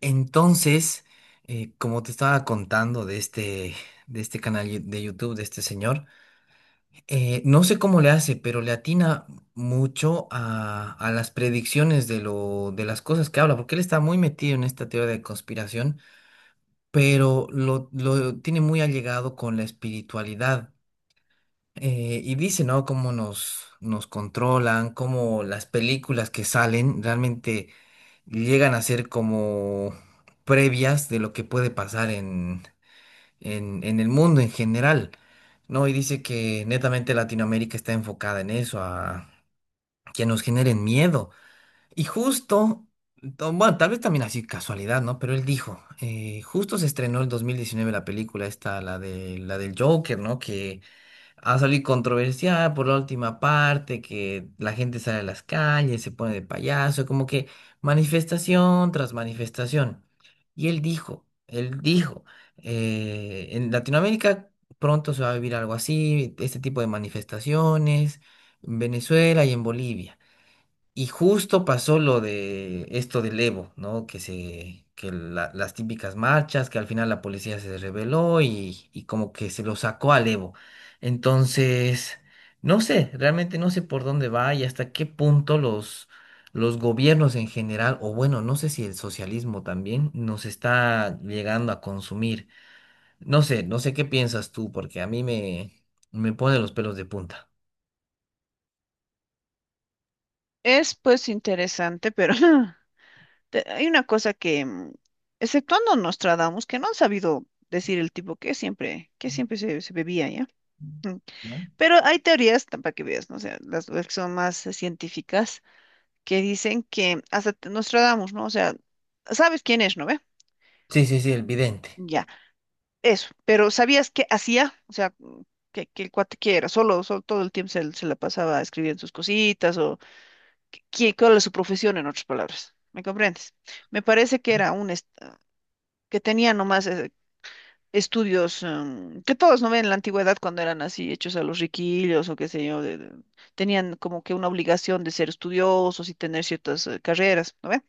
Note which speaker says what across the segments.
Speaker 1: Entonces, como te estaba contando de este canal de YouTube, de este señor, no sé cómo le hace, pero le atina mucho a las predicciones de de las cosas que habla, porque él está muy metido en esta teoría de conspiración, pero lo tiene muy allegado con la espiritualidad. Y dice, ¿no? Cómo nos controlan, cómo las películas que salen realmente llegan a ser como previas de lo que puede pasar en el mundo en general, ¿no? Y dice que netamente Latinoamérica está enfocada en eso, a que nos generen miedo. Y justo, bueno, tal vez también así casualidad, ¿no? Pero él dijo, justo se estrenó en 2019 la película esta, la del Joker, ¿no? Que a salir controversial por la última parte, que la gente sale a las calles, se pone de payaso, como que manifestación tras manifestación. Y él dijo, en Latinoamérica pronto se va a vivir algo así, este tipo de manifestaciones, en Venezuela y en Bolivia. Y justo pasó lo de esto del Evo, ¿no? Que las típicas marchas, que al final la policía se rebeló y como que se lo sacó al Evo. Entonces, no sé, realmente no sé por dónde va y hasta qué punto los gobiernos en general, o bueno, no sé si el socialismo también nos está llegando a consumir. No sé, no sé qué piensas tú, porque a me pone los pelos de punta.
Speaker 2: Es pues interesante, pero hay una cosa que, exceptuando Nostradamus, que no han sabido decir el tipo que siempre, se bebía, ¿ya? Mm.
Speaker 1: ¿Ya?
Speaker 2: Pero hay teorías, para que veas, ¿no? O sea, las que son más científicas, que dicen que hasta Nostradamus, ¿no? O sea, sabes quién es, ¿no ve?
Speaker 1: Sí, sí, sí, el vidente.
Speaker 2: Ya, eso. Pero ¿sabías qué hacía? O sea, que el cuate que era, solo todo el tiempo se la pasaba escribiendo sus cositas, cuál es su profesión, en otras palabras. ¿Me comprendes? Me parece que era que tenía nomás estudios, que todos no ven en la antigüedad cuando eran así hechos a los riquillos o qué sé yo, tenían como que una obligación de ser estudiosos y tener ciertas carreras, ¿no ve?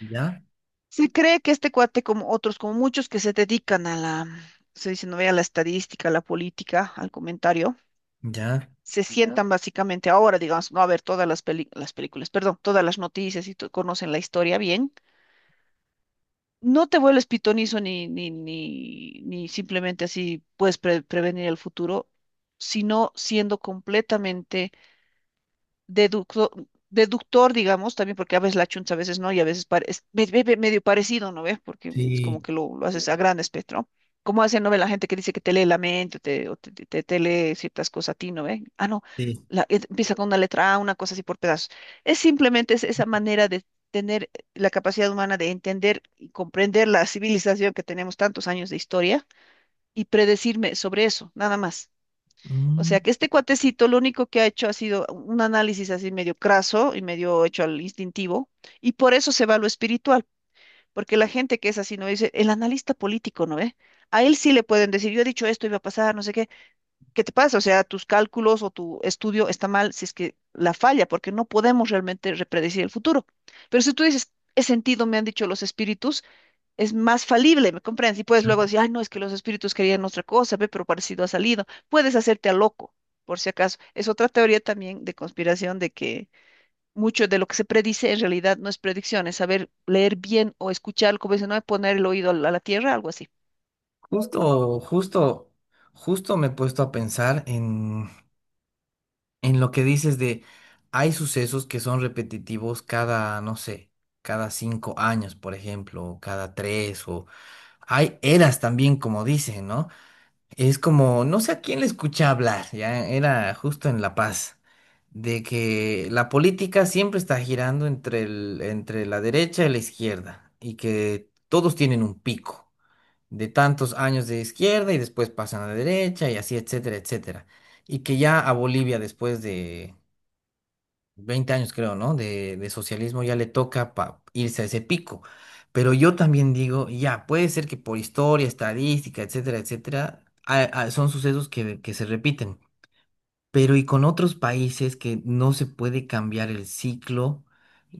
Speaker 1: ¿Ya?
Speaker 2: Se cree que este cuate, como otros, como muchos que se dedican a la, se dice, no ve, a la estadística, a la política, al comentario,
Speaker 1: Ya,
Speaker 2: se ya, sientan básicamente ahora, digamos, no a ver todas las películas, perdón, todas las noticias, y conocen la historia bien. No te vuelves pitonizo, ni simplemente así puedes prevenir el futuro, sino siendo completamente deductor, digamos, también porque a veces la chunta, a veces no, y a veces es medio parecido, ¿no ves? Porque es como
Speaker 1: sí,
Speaker 2: que lo haces a gran espectro. ¿Cómo hace, no ve, la gente que dice que te lee la mente o te lee ciertas cosas a ti, ¿no ve? Ah, no,
Speaker 1: sí.
Speaker 2: empieza con una letra A, una cosa así por pedazos. Es simplemente esa manera de tener la capacidad humana de entender y comprender la civilización que tenemos tantos años de historia y predecirme sobre eso, nada más. O
Speaker 1: Mm.
Speaker 2: sea que este cuatecito lo único que ha hecho ha sido un análisis así medio craso y medio hecho al instintivo, y por eso se va a lo espiritual, porque la gente que es así no dice, el analista político, ¿no ve? A él sí le pueden decir, yo he dicho esto, iba a pasar, no sé qué, ¿qué te pasa? O sea, tus cálculos o tu estudio está mal si es que la falla, porque no podemos realmente repredecir el futuro. Pero si tú dices, he sentido, me han dicho los espíritus, es más falible, ¿me comprendes? Y puedes luego decir, ay, no, es que los espíritus querían otra cosa, ve, pero parecido ha salido. Puedes hacerte a loco, por si acaso. Es otra teoría también de conspiración de que mucho de lo que se predice en realidad no es predicción, es saber leer bien o escuchar, como dicen, no es poner el oído a la tierra, algo así.
Speaker 1: Justo, justo, justo me he puesto a pensar en lo que dices de hay sucesos que son repetitivos cada, no sé, cada cinco años, por ejemplo, o cada tres, o hay eras también, como dicen, ¿no? Es como, no sé a quién le escuché hablar, ya era justo en La Paz, de que la política siempre está girando entre entre la derecha y la izquierda, y que todos tienen un pico de tantos años de izquierda y después pasan a la derecha y así, etcétera, etcétera. Y que ya a Bolivia después de 20 años creo, ¿no? De socialismo ya le toca irse a ese pico. Pero yo también digo, ya, puede ser que por historia, estadística, etcétera, etcétera, son sucesos que se repiten. Pero y con otros países que no se puede cambiar el ciclo,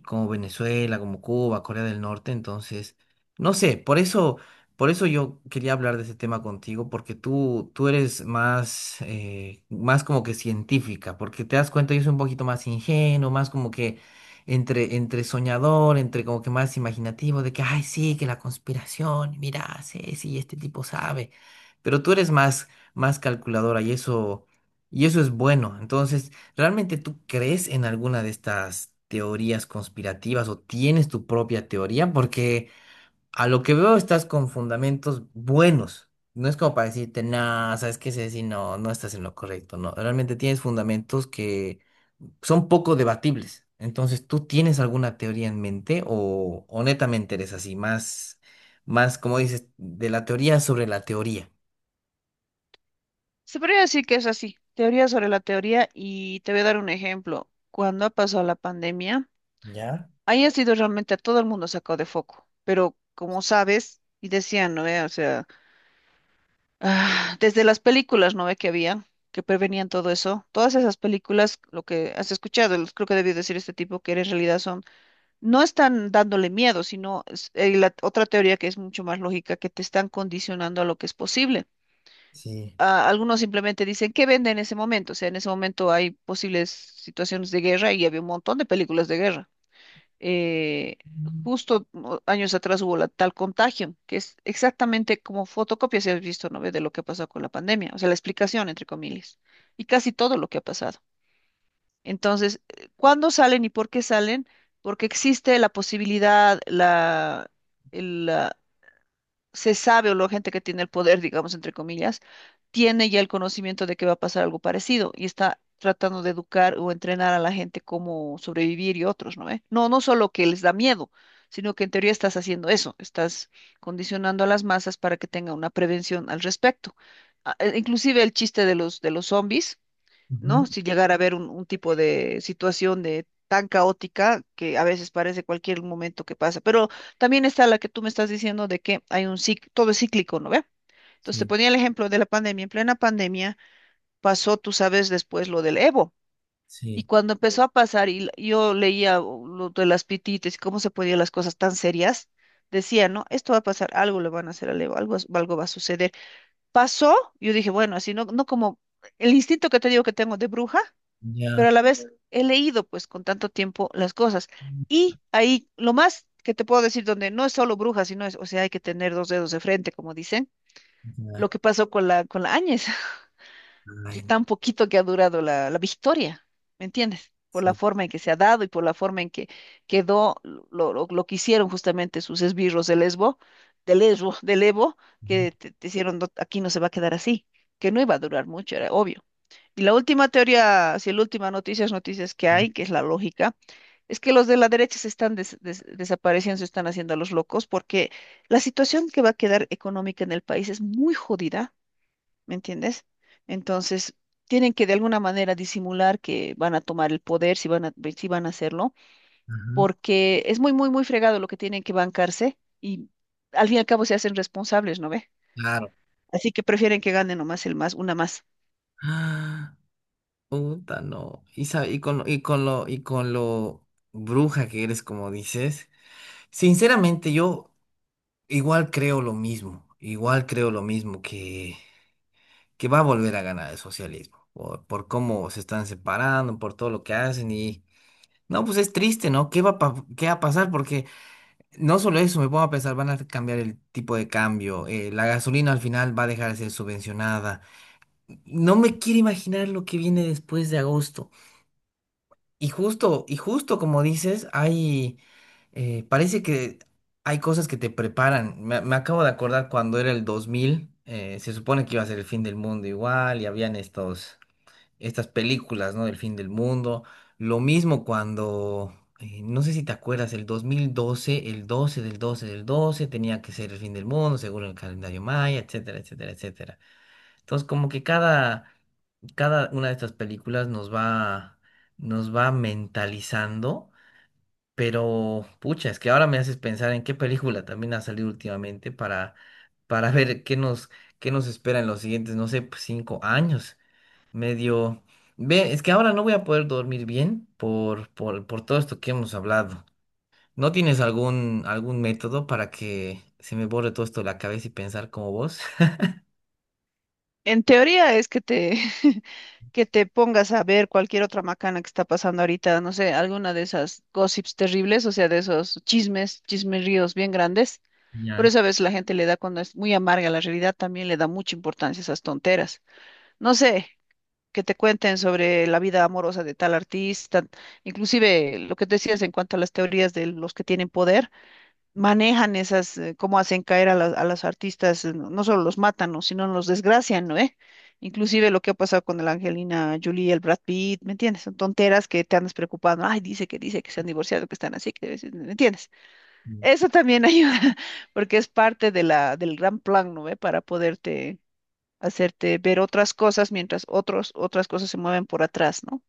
Speaker 1: como Venezuela, como Cuba, Corea del Norte, entonces, no sé, por eso yo quería hablar de ese tema contigo, porque tú eres más, más como que científica, porque te das cuenta, yo soy un poquito más ingenuo, más como que entre soñador, entre como que más imaginativo, de que, ay, sí, que la conspiración, mira, sí, sí, este tipo sabe, pero tú eres más, más calculadora y eso... Y eso es bueno. Entonces, ¿realmente tú crees en alguna de estas teorías conspirativas o tienes tu propia teoría? Porque a lo que veo estás con fundamentos buenos. No es como para decirte, nada, ¿sabes qué, Ceci? No, no estás en lo correcto. No, realmente tienes fundamentos que son poco debatibles. Entonces, ¿tú tienes alguna teoría en mente o netamente eres así, más, más, como dices, de la teoría sobre la teoría?
Speaker 2: Se podría decir que es así, teoría sobre la teoría, y te voy a dar un ejemplo. Cuando ha pasado la pandemia,
Speaker 1: ¿Ya?
Speaker 2: ahí ha sido realmente a todo el mundo sacado de foco, pero como sabes, y decían, ¿no ve? O sea, desde las películas, ¿no ve que había que prevenían todo eso? Todas esas películas, lo que has escuchado, creo que debió decir este tipo, que en realidad son, no están dándole miedo, sino la otra teoría, que es mucho más lógica, que te están condicionando a lo que es posible.
Speaker 1: Sí.
Speaker 2: Algunos simplemente dicen, ¿qué vende en ese momento? O sea, en ese momento hay posibles situaciones de guerra y había un montón de películas de guerra, eh, justo años atrás hubo la tal Contagio, que es exactamente como fotocopia, si has visto, ¿no ve? De lo que pasó con la pandemia, o sea, la explicación, entre comillas, y casi todo lo que ha pasado. Entonces, ¿cuándo salen y por qué salen? Porque existe la posibilidad, se sabe, o la gente que tiene el poder, digamos, entre comillas, tiene ya el conocimiento de que va a pasar algo parecido y está tratando de educar o entrenar a la gente cómo sobrevivir y otros, ¿no ve? No, no solo que les da miedo, sino que en teoría estás haciendo eso, estás condicionando a las masas para que tengan una prevención al respecto. Inclusive el chiste de los zombies.
Speaker 1: Ujú,
Speaker 2: ¿No? Si llegara a haber un tipo de situación de tan caótica, que a veces parece cualquier momento que pasa. Pero también está la que tú me estás diciendo de que hay un todo es cíclico, ¿no ve? Entonces te
Speaker 1: sí,
Speaker 2: ponía el ejemplo de la pandemia. En plena pandemia pasó, tú sabes, después lo del Evo. Y
Speaker 1: sí.
Speaker 2: cuando empezó a pasar, y yo leía, o lo de las pitites y cómo se ponían las cosas tan serias, decía, ¿no? Esto va a pasar, algo le van a hacer al Evo, algo, algo va a suceder. Pasó, yo dije, bueno, así no, no como el instinto que te digo que tengo de bruja, pero a
Speaker 1: Ya.
Speaker 2: la vez he leído pues con tanto tiempo las cosas. Y ahí lo más que te puedo decir, donde no es solo brujas, sino es, o sea, hay que tener dos dedos de frente, como dicen, lo
Speaker 1: Ya.
Speaker 2: que pasó con la Áñez,
Speaker 1: Ay,
Speaker 2: tan poquito que ha durado la victoria, ¿me entiendes? Por la
Speaker 1: sí.
Speaker 2: forma en que se ha dado y por la forma en que quedó lo que hicieron, justamente sus esbirros de Lesbo, de Evo,
Speaker 1: Ujú,
Speaker 2: que te hicieron: "No, aquí no se va a quedar así", que no iba a durar mucho, era obvio. Y la última teoría, si la última noticia es noticias que hay, que es la lógica, es que los de la derecha se están desapareciendo, se están haciendo a los locos, porque la situación que va a quedar económica en el país es muy jodida, ¿me entiendes? Entonces, tienen que de alguna manera disimular que van a tomar el poder, si van a hacerlo,
Speaker 1: ujú,
Speaker 2: porque es muy, muy, muy fregado lo que tienen que bancarse y al fin y al cabo se hacen responsables, ¿no ve?
Speaker 1: claro.
Speaker 2: Así que prefieren que gane nomás el más, una más.
Speaker 1: Ah, puta, no. Y con lo bruja que eres, como dices. Sinceramente, yo igual creo lo mismo. Igual creo lo mismo que va a volver a ganar el socialismo. Por cómo se están separando, por todo lo que hacen. Y no, pues es triste, ¿no? ¿Qué va a, qué va a pasar? Porque no solo eso, me pongo a pensar, van a cambiar el tipo de cambio, la gasolina al final va a dejar de ser subvencionada. No me quiero imaginar lo que viene después de agosto. Y justo como dices, hay, parece que hay cosas que te preparan. Me acabo de acordar cuando era el 2000, se supone que iba a ser el fin del mundo igual y habían estos estas películas, ¿no? Del fin del mundo. Lo mismo cuando, no sé si te acuerdas, el 2012 el 12 del 12 del 12 tenía que ser el fin del mundo, según el calendario maya, etcétera, etcétera, etcétera. Entonces, como que cada, cada una de estas películas nos va mentalizando, pero pucha, es que ahora me haces pensar en qué película también ha salido últimamente para ver qué nos espera en los siguientes, no sé, pues, 5 años medio... Ve, es que ahora no voy a poder dormir bien por todo esto que hemos hablado. ¿No tienes algún, algún método para que se me borre todo esto de la cabeza y pensar como vos?
Speaker 2: En teoría es que te pongas a ver cualquier otra macana que está pasando ahorita, no sé, alguna de esas gossips terribles, o sea, de esos chismes, chismeríos bien grandes. Por
Speaker 1: Ya.
Speaker 2: eso a veces la gente, le da, cuando es muy amarga la realidad, también le da mucha importancia a esas tonteras. No sé, que te cuenten sobre la vida amorosa de tal artista; inclusive lo que decías en cuanto a las teorías, de los que tienen poder manejan esas, cómo hacen caer a a los artistas, no solo los matan, ¿no?, sino los desgracian, ¿no, eh? Inclusive lo que ha pasado con la Angelina Jolie, el Brad Pitt, ¿me entiendes? Son tonteras que te andas preocupando: "Ay, dice que se han divorciado, que están así, que debe ser", ¿me entiendes? Eso también ayuda, porque es parte de la, del gran plan, ¿no ve? Para poderte hacerte ver otras cosas, mientras otros, otras cosas se mueven por atrás, ¿no?